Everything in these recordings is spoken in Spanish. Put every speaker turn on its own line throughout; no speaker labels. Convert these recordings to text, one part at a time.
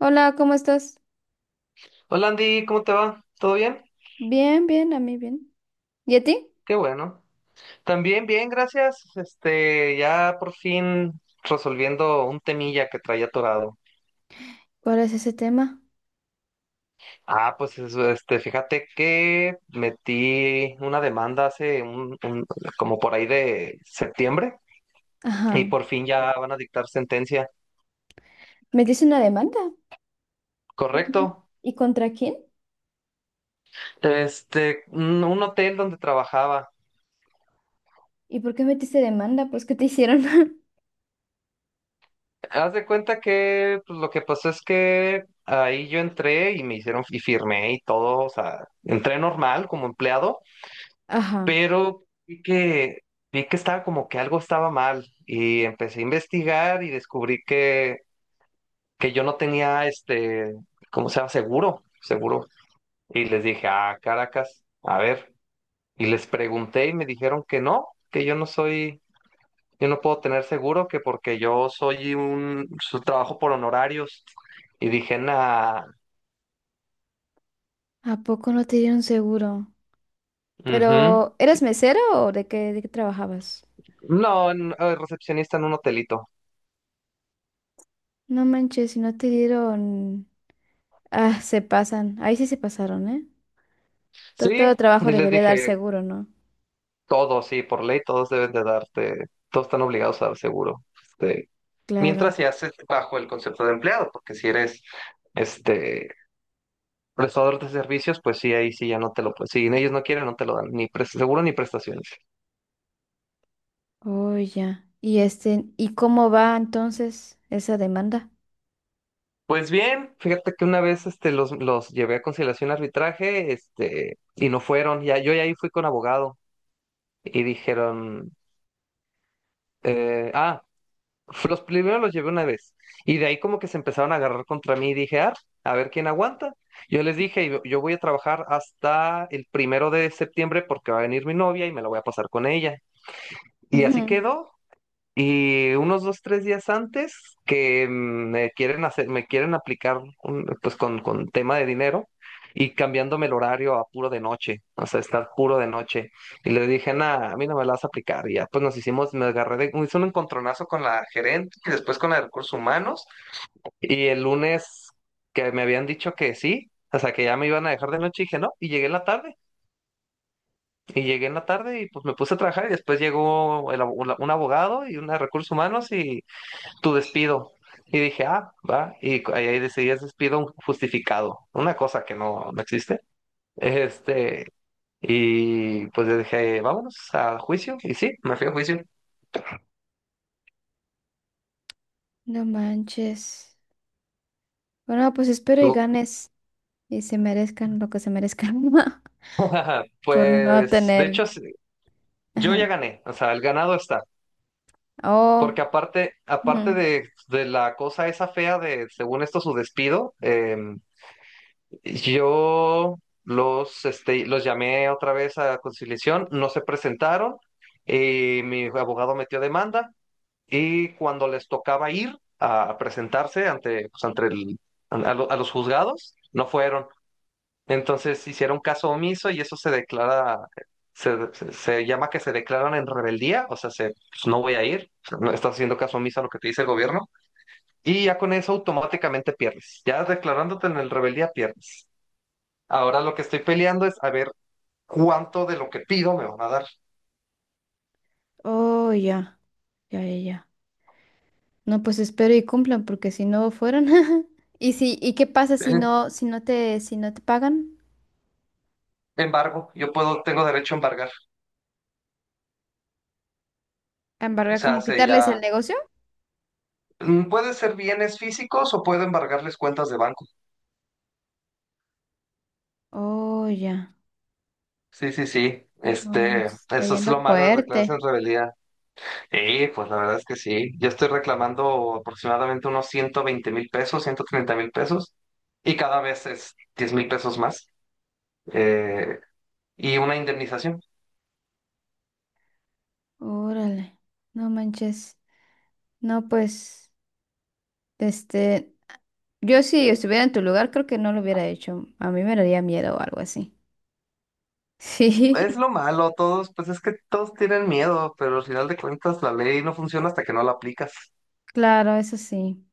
Hola, ¿cómo estás?
Hola Andy, ¿cómo te va? ¿Todo bien?
Bien, bien, a mí bien. ¿Y a ti?
Qué bueno. También bien, gracias. Ya por fin resolviendo un temilla que traía atorado.
¿Cuál es ese tema?
Ah, pues eso, fíjate que metí una demanda hace como por ahí de septiembre y
Ajá.
por fin ya van a dictar sentencia.
¿Metiste una demanda? Ujú.
Correcto.
¿Y contra quién?
Un hotel donde trabajaba.
¿Y por qué metiste demanda? Pues, ¿qué te hicieron?
Haz de cuenta que pues, lo que pasó es que ahí yo entré y me hicieron y firmé y todo, o sea, entré normal como empleado,
Ajá.
pero vi que estaba como que algo estaba mal y empecé a investigar y descubrí que yo no tenía ¿cómo se llama? Seguro, seguro. Y les dije, "Ah, Caracas, a ver." Y les pregunté y me dijeron que no, que yo no puedo tener seguro que porque yo soy un su trabajo por honorarios y dije, nah,
¿A poco no te dieron seguro?
ujú,
Pero,
sí,
¿eras mesero o de qué trabajabas?
no, recepcionista en un hotelito.
No manches, si no te dieron. Ah, se pasan. Ahí sí se pasaron, ¿eh? Todo
Sí, y
trabajo
les
debería dar
dije,
seguro, ¿no?
todos, sí, por ley todos deben de darte, todos están obligados a dar seguro. Este,
Claro.
mientras se hace bajo el concepto de empleado, porque si eres este prestador de servicios, pues sí, ahí sí ya no te lo, pues si ellos no quieren, no te lo dan, ni seguro ni prestaciones.
Oh, ya. ¿Y este, y cómo va entonces esa demanda?
Pues bien, fíjate que una vez los llevé a conciliación y arbitraje, y no fueron. Ya, yo ya ahí fui con abogado y dijeron, eh, ah, los primero los llevé una vez. Y de ahí como que se empezaron a agarrar contra mí y dije, ah, a ver quién aguanta. Yo les dije, yo voy a trabajar hasta el primero de septiembre porque va a venir mi novia y me la voy a pasar con ella. Y así
Ujú.
quedó. Y unos dos, tres días antes que me quieren aplicar pues con tema de dinero y cambiándome el horario a puro de noche, o sea, estar puro de noche. Y le dije, nada, a mí no me la vas a aplicar. Y ya pues nos hicimos, me agarré de, hice un encontronazo con la gerente y después con la de recursos humanos. Y el lunes que me habían dicho que sí, o sea, que ya me iban a dejar de noche, dije no, y llegué en la tarde. Y llegué en la tarde y pues me puse a trabajar y después llegó un abogado y una de recursos humanos y tu despido. Y dije, ah, va. Y ahí decidí, es despido justificado, una cosa que no, no existe. Este, y pues yo dije, vámonos a juicio. Y sí, me fui a juicio.
No manches. Bueno, pues espero y
Tú.
ganes y se merezcan lo que se merezcan por no
Pues, de
tener.
hecho, sí, yo
Ajá.
ya gané, o sea, el ganado está.
Oh,
Porque aparte
ujú.
de la cosa esa fea de, según esto, su despido, yo los llamé otra vez a conciliación, no se presentaron, mi abogado metió demanda y cuando les tocaba ir a presentarse ante, pues, ante el- a, lo- a los juzgados, no fueron. Entonces hicieron caso omiso y eso se declara, se llama que se declaran en rebeldía, o sea, pues, no voy a ir, o sea, no estás haciendo caso omiso a lo que te dice el gobierno y ya con eso automáticamente pierdes, ya declarándote en el rebeldía pierdes. Ahora lo que estoy peleando es a ver cuánto de lo que pido me van a dar.
Oh, ya. Ya, ya, ya. No, pues espero y cumplan porque si no fueron. ¿Y si, y qué pasa
Eh,
si no te pagan?
Embargo, yo puedo, tengo derecho a embargar. O
¿Embargar
sea,
como
se
quitarles el
ya
negocio?
puede ser bienes físicos o puedo embargarles cuentas de banco.
Oh, ya.
Sí, sí, sí.
No, no manches, está
Eso es
yendo
lo malo de declararse en
fuerte.
rebeldía. Y pues la verdad es que sí. Yo estoy reclamando aproximadamente unos 120,000 pesos, 130,000 pesos, y cada vez es 10,000 pesos más. eh, y una indemnización.
Órale. No manches. No, pues, este, yo si estuviera en tu lugar, creo que no lo hubiera hecho. A mí me daría miedo o algo así.
Es
Sí,
lo malo, todos, pues es que todos tienen miedo, pero al final de cuentas la ley no funciona hasta que no la aplicas.
claro, eso sí.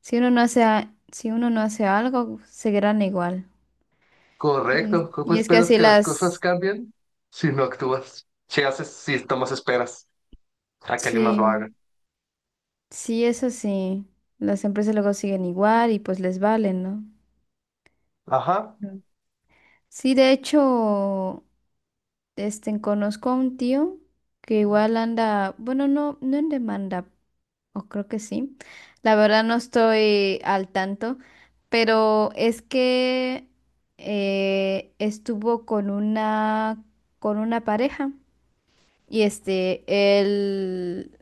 Si uno no hace, si uno no hace algo, seguirán igual.
Correcto, ¿cómo
Y es que
esperas
así
que las cosas
las,
cambien si no actúas? Si haces, si tomas esperas a que alguien más lo haga.
sí, sí, eso sí. Las empresas luego siguen igual y pues les valen, ¿no?
Ajá,
Mm. Sí, de hecho, este, conozco a un tío que igual anda, bueno, no, no en demanda. O creo que sí. La verdad no estoy al tanto, pero es que estuvo con una pareja y este él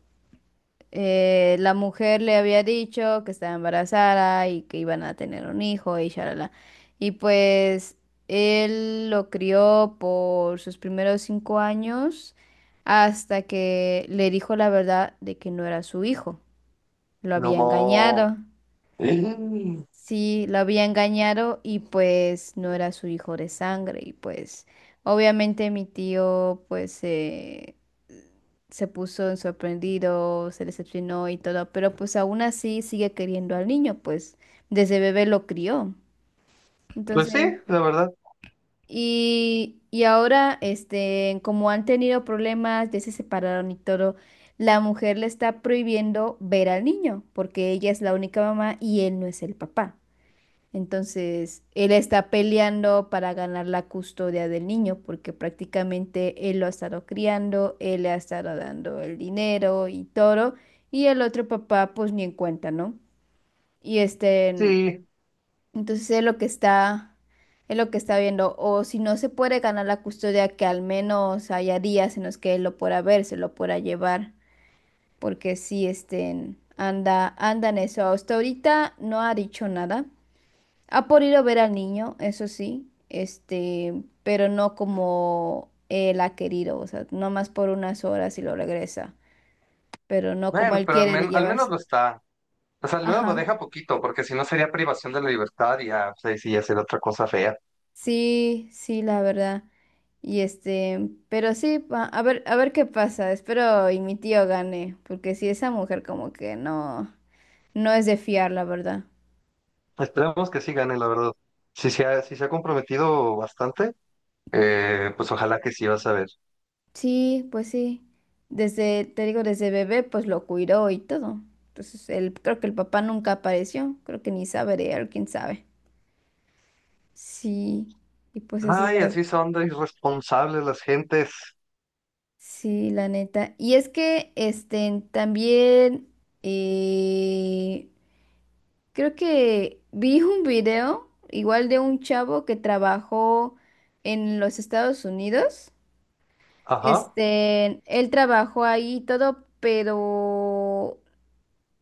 la mujer le había dicho que estaba embarazada y que iban a tener un hijo y shalala. Y pues él lo crió por sus primeros 5 años hasta que le dijo la verdad de que no era su hijo. Lo había
no.
engañado.
Mm.
Sí, lo había engañado y pues no era su hijo de sangre y pues obviamente mi tío pues se puso en sorprendido, se decepcionó y todo, pero pues aún así sigue queriendo al niño, pues desde bebé lo crió.
Pues sí,
Entonces,
la verdad,
y ahora, este, como han tenido problemas, ya se separaron y todo, la mujer le está prohibiendo ver al niño porque ella es la única mamá y él no es el papá. Entonces, él está peleando para ganar la custodia del niño, porque prácticamente él lo ha estado criando, él le ha estado dando el dinero y todo, y el otro papá, pues ni en cuenta, ¿no? Y este,
sí.
entonces es lo que está viendo, o si no se puede ganar la custodia, que al menos haya días en los que él lo pueda ver, se lo pueda llevar, porque sí, este, anda, anda en eso. Hasta ahorita no ha dicho nada. Ah, por ir a ver al niño, eso sí, este, pero no como él ha querido, o sea, nomás por unas horas y lo regresa, pero no como
Bueno,
él
pero al,
quiere de
men- al menos
llevarse.
lo está. O sea, al menos lo
Ajá.
deja poquito, porque si no sería privación de la libertad y ya, pues ahí sí ya sería otra cosa fea.
Sí, sí, la verdad. Y este, pero sí, a ver qué pasa. Espero y mi tío gane, porque si esa mujer como que no, no es de fiar, la verdad.
Esperemos que sí gane, la verdad. Si se ha, sí se ha comprometido bastante. Pues ojalá que sí vas a ver.
Sí, pues sí. Desde, te digo, desde bebé, pues lo cuidó y todo. Entonces, él, creo que el papá nunca apareció. Creo que ni sabe de él, quién sabe. Sí, y pues así
Ay,
la,
así son de irresponsables las gentes.
sí, la neta. Y es que, este, también, eh, creo que vi un video, igual de un chavo que trabajó en los Estados Unidos.
Ajá.
Este, él trabajó ahí y todo, pero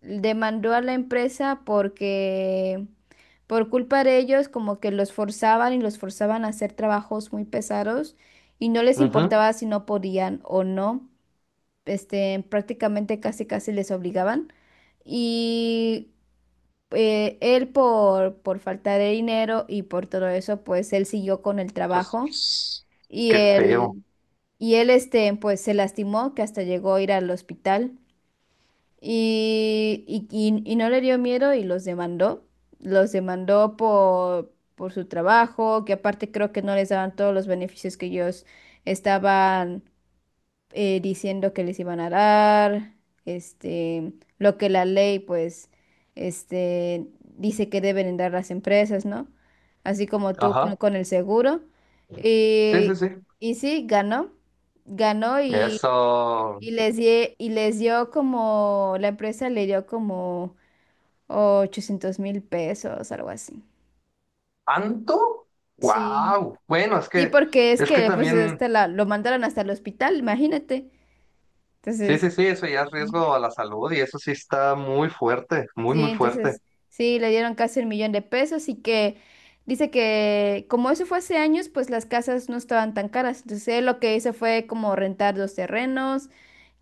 demandó a la empresa porque por culpa de ellos como que los forzaban y los forzaban a hacer trabajos muy pesados y no les
Ujú,
importaba si no podían o no, este, prácticamente casi casi les obligaban. Y él por falta de dinero y por todo eso, pues él siguió con el trabajo
pues
y
qué feo.
él, y él, pues se lastimó que hasta llegó a ir al hospital. Y no le dio miedo y los demandó. Los demandó por su trabajo, que aparte creo que no les daban todos los beneficios que ellos estaban diciendo que les iban a dar. Este, lo que la ley, pues, este, dice que deben dar las empresas, ¿no? Así como tú
Ajá.
con el seguro.
Sí, sí,
Y,
sí.
y sí, ganó. Ganó
Eso.
y les, y les dio como, la empresa le dio como 800,000 pesos, algo así.
¿Tanto?
Sí.
Wow. Bueno, es
Sí,
que
porque es
es que
que pues
también.
este la, lo mandaron hasta el hospital, imagínate.
Sí, sí,
Entonces,
sí, eso ya es
sí,
riesgo a la salud y eso sí está muy fuerte, muy,
sí,
muy fuerte.
entonces sí, le dieron casi un millón de pesos y que dice que como eso fue hace años, pues las casas no estaban tan caras. Entonces él lo que hizo fue como rentar dos terrenos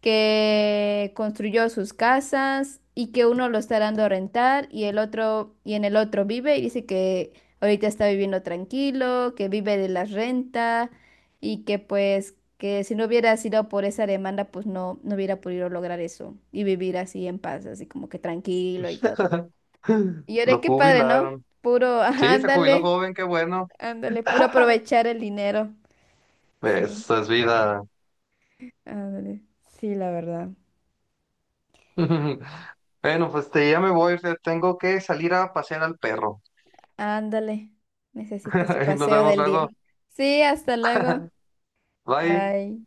que construyó sus casas y que uno lo está dando a rentar y el otro y en el otro vive y dice que ahorita está viviendo tranquilo, que vive de la renta y que pues que si no hubiera sido por esa demanda pues no hubiera podido lograr eso y vivir así en paz, así como que tranquilo y todo. Y yo de
Lo
qué padre, ¿no?
jubilaron.
Puro, ajá,
Sí, se jubiló
ándale,
joven, qué bueno.
ándale, puro aprovechar el dinero. Sí,
Eso es vida.
ándale. Sí, la verdad.
Bueno, pues ya me voy, o sea, tengo que salir a pasear al perro.
Ándale, necesita su
Nos
paseo
vemos
del día.
luego.
Sí, hasta luego.
Bye.
Bye.